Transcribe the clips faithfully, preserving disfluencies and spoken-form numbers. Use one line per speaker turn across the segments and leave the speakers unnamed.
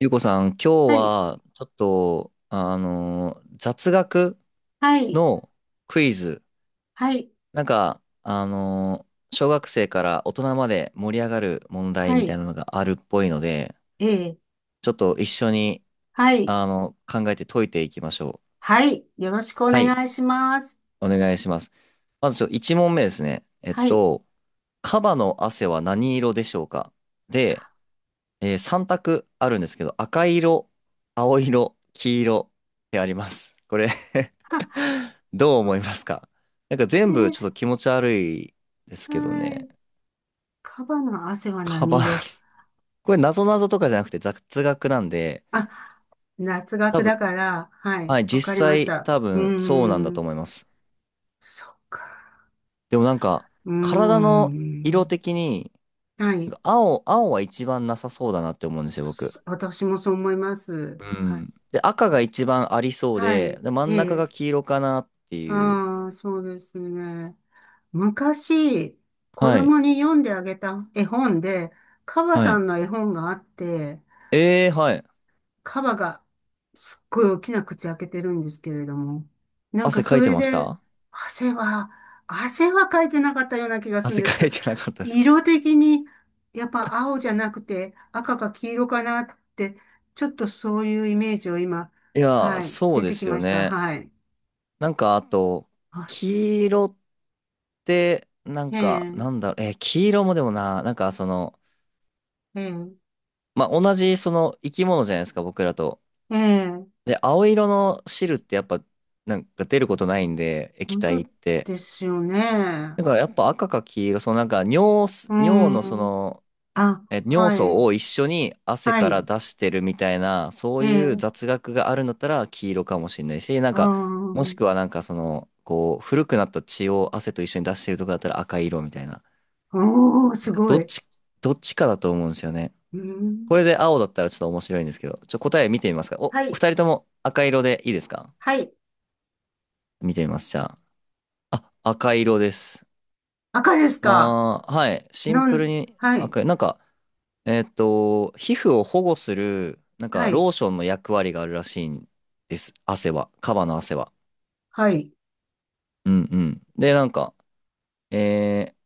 ゆうこさん、今日
はい、
はちょっと、あのー雑学
はい、
のクイズ。
はい、
なんか、あのー小学生から大人まで盛り上がる問題
は
みたい
い、
なのがあるっぽいので、
ええ、
ちょっと一緒に、
はい、
あの、考えて解いていきましょう。
はい、よろしくお
はい、
願いします。
お願いします。まずちょ、いちもんめ問目ですね。えっ
はい、
と、カバの汗は何色でしょうか？
か、
で、えー、さんたく択あるんですけど、赤色、青色、黄色ってあります。これ、 どう思いますか？なんか
え
全部
え、
ちょっと気持ち悪いですけど
は
ね。
い、カバの汗は
カ
何
バン。
色？
これ謎々とかじゃなくて雑学なんで、
あ、夏
多
学だ
分、
から、はい、
はい、
わか
実
りまし
際
た。
多
うー
分そうなんだと
ん、
思います。
そっか、
でもなんか、
うー
体の色
ん、
的に、
はい、
青、青は一番なさそうだなって思うんですよ、僕。
私もそう思います。
う
はい、
ん。で、赤が一番ありそう
は
で、
い、
で、真
え
ん中
え、
が黄色かなっていう。
ああ、そうですね。昔、子
はい。
供に読んであげた絵本で、カバ
は
さ
い。
んの絵本があって、
ええ、はい。
カバがすっごい大きな口開けてるんですけれども、なんか
汗か
そ
いて
れ
まし
で、
た？
汗は、汗はかいてなかったような気が するん
汗
です。
かいてなかったですか？
色的に、やっぱ青じゃなくて赤か黄色かなって、ちょっとそういうイメージを今、
いやー、
はい、
そう
出
で
てき
すよ
ました。
ね。
はい。
なんか、あと、
あ、す
黄色って、な
え
んか、なん
え、
だろう、えー黄色もでもな、なんか、その、
ええ。
まあ、同じ、その、生き物じゃないですか、僕らと。
ええ、
で、青色の汁ってやっぱ、なんか出ることないんで、液
本
体
当
って。
ですよね。
だから、やっぱ赤か黄色、その、なんか、尿す、
う
尿の、そ
ん。
の、
あ、
え、尿
は
素
い、
を一緒に汗
は
から
い、
出してるみたいな、そう
え
いう
え、
雑学があるんだったら黄色かもしれないし、なん
あ
か、もし
ー、
くはなんかその、こう、古くなった血を汗と一緒に出してるとかだったら赤い色みたいな。
おー、
な
す
んか
ご
どっ
い。
ち、どっちかだと思うんですよね。
う
こ
ん、
れで青だったらちょっと面白いんですけど、ちょ、答え見てみますか。お、
はい、
ふたりとも赤色でいいですか？
はい。
見てみます、じゃあ。あ、赤色です。
赤ですか？
あー、はい。シン
な
プル
ん、
に
はい、
赤い。なんか、えーっと、皮膚を保護する、なんか、
は
ロー
い、
ションの役割があるらしいんです。汗は。カバの汗は。
はい。
うんうん。で、なんか、えー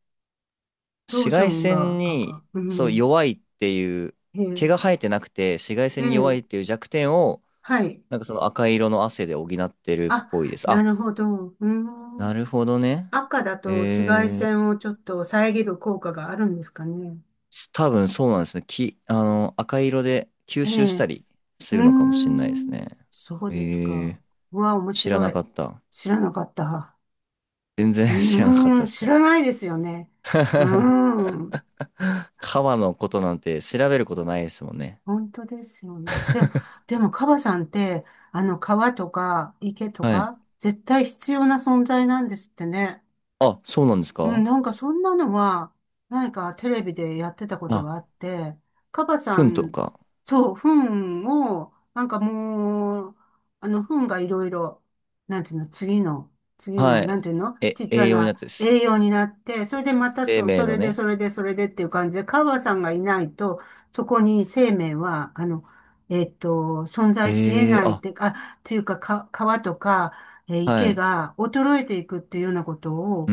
ロー
紫
ショ
外
ン
線
が
に、
赤。う
そう、
ん、
弱いっていう、
え
毛が
え、
生えてなくて、紫外
え
線に弱い
え、
っていう弱点を、
はい。
なんかその赤色の汗で補ってるっ
あ、
ぽいです。
な
あ、
るほど。う
な
ん、
るほどね。
赤だと紫外
えー、
線をちょっと遮る効果があるんですかね。
多分そうなんですね。き、あの、赤色で吸
え
収した
え、
りす
うー
るのかもしれないです
ん。
ね。
そう
え
ですか。
ー、
うわ、面
知ら
白
な
い。
かった。
知らなかった。
全然
う
知らなかっ
ー
た
ん、
です
知
ね。
らないですよね。うー ん。
川のことなんて調べることないですもんね。
本当ですよね。でも、でも、カバさんって、あの、川とか池と
はい。
か、絶対必要な存在なんですってね。
あ、そうなんです
うん、
か？
なんかそんなのは、何かテレビでやってたこと
あ、
があって、カバさ
糞と
ん、
か。
そう、糞を、なんかもう、あの、糞がいろいろ、なんていうの、次の、次の、
は
な
い。
んていうの、
え、
ちっちゃ
栄養になっ
な
てす、
栄養になって、それでまた
生
そ、
命
そ
の
れで、
ね。
それで、それでっていう感じで、カバさんがいないと、そこに生命は、あの、えっと、存在し得
ええ
ないっ
あ、
て、あ、っていうか、か、川とか、えー
は
池
い。
が衰えていくっていうようなことを、
う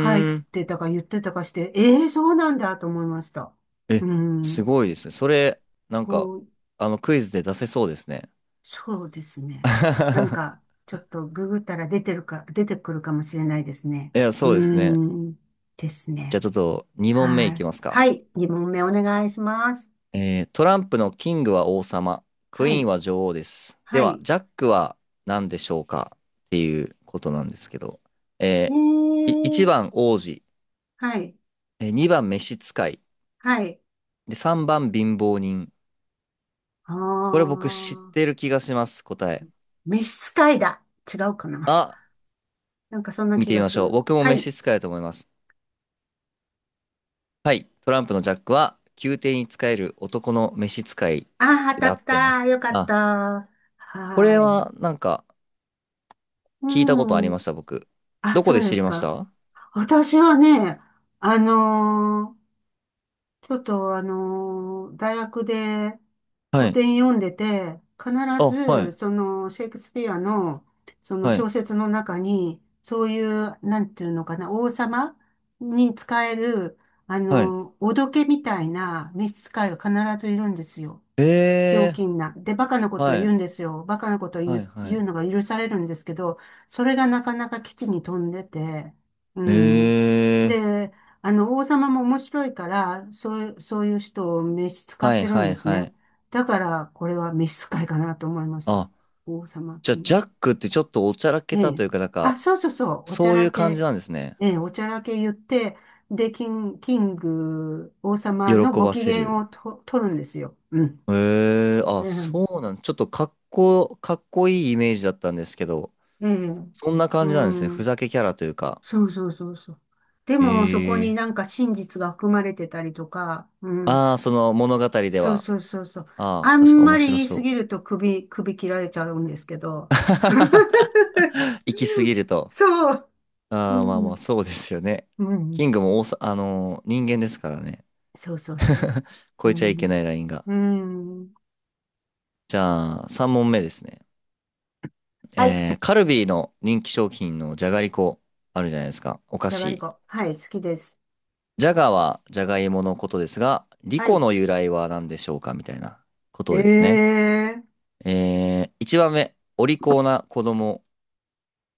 書い
ん。
てたか言ってたかして、ええー、そうなんだと思いました。う
え、す
ん、
ごいですね。それ、なんか、
こう、
あの、クイズで出せそうですね。
そうですね。なんか、ちょっとググったら出てるか、出てくるかもしれないですね。
いや、
う
そうですね。
ん、です
じゃあ
ね。
ちょっと、にもんめ問目
は
いき
い。
ますか？
はい、に問目お願いします。
えートランプのキングは王様、ク
は
イーン
い、
は女王です。で
は
は、
い。
ジャックは何でしょうかっていうことなんですけど、え
え
ー、1
え、
番王子、
はい、
えにばん召使い、
はい。
で、さんばん貧乏人。
あ
これ僕知っ
ー、
てる気がします、答え。
召使いだ。違うかな。
あ、
なんかそんな
見
気
てみ
が
ま
す
しょう。
る。
僕も
は
召使
い。
いだと思います。はい、トランプのジャックは宮廷に仕える男の召使い
ああ、当た
で合っ
っ
てま
た。
す。
よかっ
あ、
た。
これ
はい。
はなんか
う
聞いたことあり
ん。
ました、僕。
あ、
どこ
そ
で
う
知
で
り
す
まし
か。
た？
私はね、あのーちょっとあのー大学で
は
古
い。
典読んでて、必
あ、は
ず、
い、
その、シェイクスピアの、その
はい、
小説の中に、そういう、なんていうのかな、王様に使える、あ
はい。
のーおどけみたいな召使いが必ずいるんですよ。ひょう
えー、
きんな。で、バカなことを
は
言う
い、
んですよ。バカなことを言
はい、
う、
は
言う
い。
のが許されるんですけど、それがなかなか基地に飛んでて、う
え
ん。
ー、
で、あの、王様も面白いから、そういう、そういう人を召使っ
はい、
てるん
は
で
い、
す
はい。
ね。だから、これは召使いかなと思いました。
あ、
王様
じゃあ、
キング。
ジャックってちょっとおちゃらけ
え
たとい
え。
うか、なん
あ、
か、
そうそうそう。おちゃ
そうい
ら
う感じ
け。
なんですね。
ええ、おちゃらけ言って、で、キン、キング、王様
喜
のご
ば
機
せ
嫌
る。
をと、取るんですよ。うん。
えー、あ、
ね、
そうなん、ちょっとかっこ、かっこいいイメージだったんですけど、
ええ、
そんな
う
感じなんですね。ふ
ん、
ざけキャラというか。
そうそうそうそう。でも、そこに
えー、
なんか真実が含まれてたりとか、うん、
ああ、その物語で
そう
は。
そうそうそう。
あ
あ
あ、
ん
確か面
まり
白
言い
そ
す
う。
ぎると首、首切られちゃうんですけど。
行き過ぎると。
そう、う
ああ、まあまあ、
ん、
そうですよね。
う
キ
ん、
ングも大さ、あのー人間ですからね。
そうそうそう。う
超えちゃいけな
ん、
いラインが。
うん。
じゃあ、さんもんめ問目ですね。
はい、
えー、カルビーの人気商品のじゃがりこ、あるじゃないですか。お菓
じゃがり
子。
こ。はい、好きです。
じゃがはじゃがいものことですが、リ
は
コ
い。
の由来は何でしょうかみたいなこ
え
とですね。
え、
えー、いちばんめ、お利口な子供。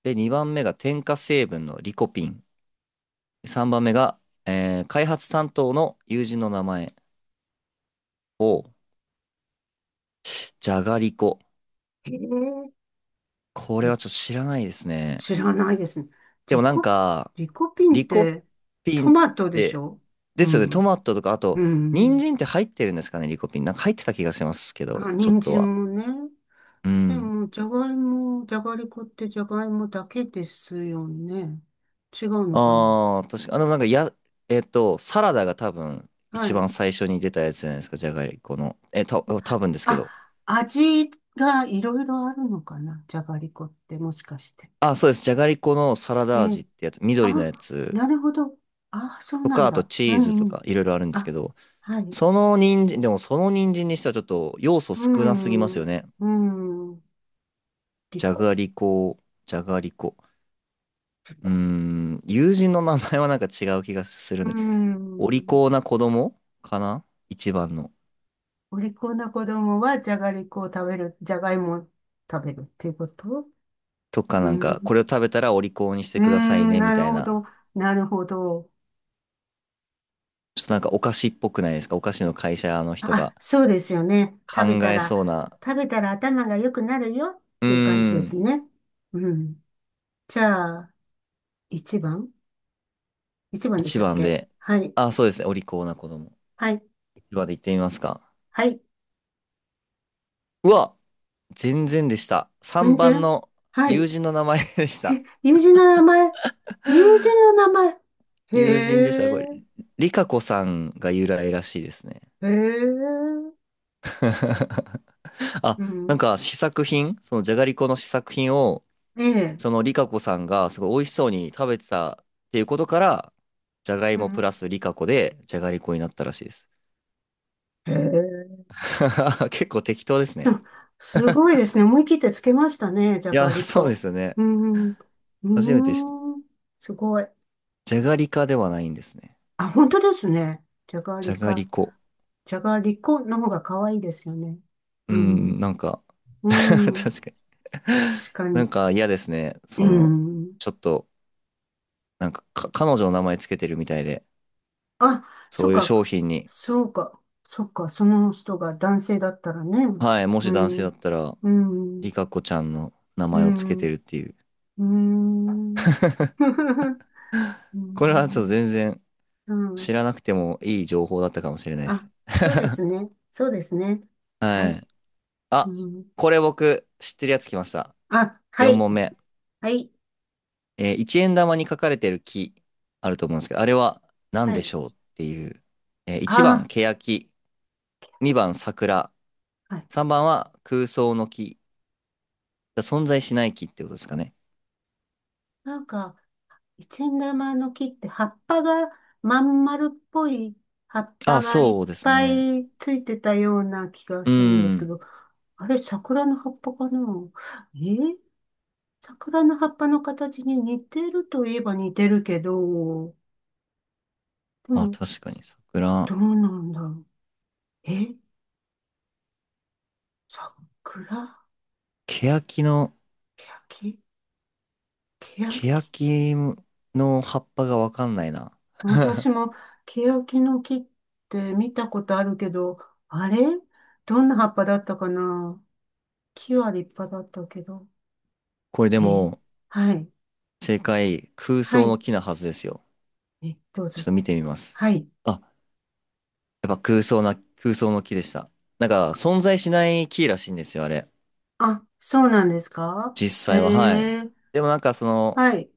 で、にばんめが添加成分のリコピン。さんばんめが、えー開発担当の友人の名前を、じゃがりこ。
ええ、
これはちょっと知らないですね。
知らないですね。
でも
リ
なん
コ、
か、
リコピンっ
リコ
て
ピ
ト
ンっ
マトでし
て、
ょ？う
ですよね、ト
ん。
マトとか、あと、
う
人
ん。
参って入ってるんですかね、リコピン。なんか入ってた気がしますけど、
あ、
ちょっ
人
とは。
参もね。
う
で
ん。
も、じゃがいも、じゃがりこってじゃがいもだけですよね。違うのかな？
ああ、確か、あの、なんか、や、えっと、サラダが多分、一
はい。
番最初に出たやつじゃないですか、じゃがりこの。え、た、多分ですけど。
あ、味がいろいろあるのかな、じゃがりこってもしかして。
あ、そうです。じゃがりこのサラ
え
ダ味
え、
ってやつ、
あ、
緑のやつ
なるほど。あ、そう
と
な
か、
ん
あと
だ。
チ
う
ーズ
ん
と
うん。
か、いろいろあるんですけ
あ、
ど、
はい。
その人参、でもその人参にしてはちょっと要素
う
少なすぎますよ
ん。
ね。
うん。り
じゃ
こ。
がりこ、じゃがりこ。
り
うー
こ。
ん、友人の名前はなんか違う気がする
う
ね。お利
ん。
口な子供かな、一番の。
お利口な子供はじゃがりこを食べる、じゃがいもを食べるっていうこと？
とか
う
なんか、
ん。
これを食べたらお利口にし
う
て
ー
ください
ん、
ね、
な
みた
る
い
ほど。
な。
なるほど。
ちょっとなんかお菓子っぽくないですか？お菓子の会社の人
あ、
が
そうですよね。
考
食べた
え
ら、
そうな。
食べたら頭が良くなるよっ
うー
ていう感じです
ん、
ね。うん。じゃあ、いちばん ?いち 番でし
一
たっ
番
け？
で。
はい。
あ、そうですね。お利口な子供。
はい。
一番で言ってみますか？
はい。
うわ、全然でした。
全
さんばん
然。
の
は
友
い。
人の名前でした。
友人の名前。友人の名前。
友人でした。こ
へ
れ、
え。
リカコさんが由来らしいですね。
へえ。
あ、
う
なん
ん。
か試作品、そのじゃがりこの試作品を、
ええ。
そのリカコさんがすごい美味しそうに食べてたっていうことから、じゃがい
う
もプラ
ん。
スリカコでじゃがりこになったらしいです。
へえ。
結構適当ですね。
あ、すごいですね。思い切ってつけましたね。じゃ
いや、
がり
そうで
こ。
すよね。
うん。うー
初めて知った。
ん。すごい。
じゃがりかではないんですね。
あ、本当ですね。じゃが
じ
り
ゃがり
か。
こ。
じゃがりこの方が可愛いですよね。
う
う
ん、
ん。
なんか
うん。
確かに
確か
なん
に。
か嫌ですね。
う
その、
ん。
ちょっと、なんか、か彼女の名前つけてるみたいで、
あ、
そ
そっ
ういう商
か。
品に、
そうか。そっか。その人が男性だったらね。
はい、も
う
し男性だっ
ん。
たら、
う
リ
ん。
カコちゃんの名
う
前をつけて
ん。
るっていう。
うん。う
これはちょっと
ん。
全然
う
知
ん。
らなくてもいい情報だったかもしれないです。
あ、そうです ね。そうですね。は
はい。
い。う
あ、
ん、
これ僕知ってるやつ来ました。
あ、はい。
よんもんめ問目。
はい。
えー、円玉に書かれてる木あると思うんですけど、あれは何
は
で
い。
しょうっていう。えー、いちばん、
あ
ケヤキ。にばん、桜。
あ、はい。
さんばんは空想の木。存在しない木ってことですかね。
なんか、一円玉の木って葉っぱがまん丸っぽい葉っぱ
あ、
がいっ
そうです
ぱ
ね。
いついてたような気が
う
するんですけ
ん。
ど、あれ、桜の葉っぱかな？えー桜の葉っぱの形に似てるといえば似てるけど、で
あ、
も、
確かに桜。
どうなんだろう。え桜、
欅の、
ケヤキ、ケヤキ、
欅の葉っぱがわかんないな。
私も、ケヤキの木って見たことあるけど、あれ、どんな葉っぱだったかな？木は立派だったけど。
これで
え
も、
はい。
正解、空
は
想の
い。
木なはずですよ。
え、どう
ちょっ
ぞ。
と見てみます。
はい。
あ、やっぱ空想な、空想の木でした。なんか、存在しない木らしいんですよ、あれ。
あ、そうなんですか？
実
へ
際は、はい。
え、
でもなんか、その、
はい。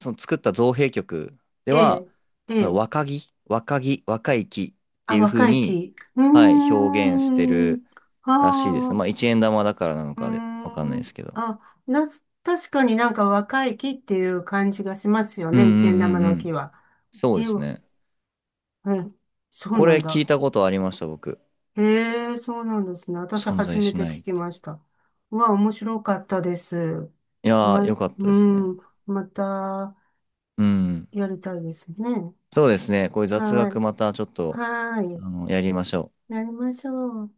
その作った造幣局で
え
は、
え、え
その
え。
若木、若木、若い木って
あ、
いう風
若い
に、
木。うー
はい、表現して
ん。
る。
あ
らしいですね。まあ、
あ、
いちえんだまだからなの
うー
かで、わかんないで
ん。
すけど。
あ、な、確かになんか若い木っていう感じがしますよ
うんう
ね。一円玉
んうんう
の木
ん。
は。
そう
え
で
え、
すね。
ええ、そう
こ
な
れ
ん
聞
だ。
いたことありました、僕。
へえ、そうなんですね。私
存
初
在
め
し
て
ない
聞
っ
き
て。
ました。うわ、面白かったです。
いやー、よ
ま、
かった
う
ですね。
ん、また
うん。
やりたいですね。
そうですね。こういう雑
は
学
い。
またちょっと、
は
あ
い。
の、やりましょう。
やりましょう。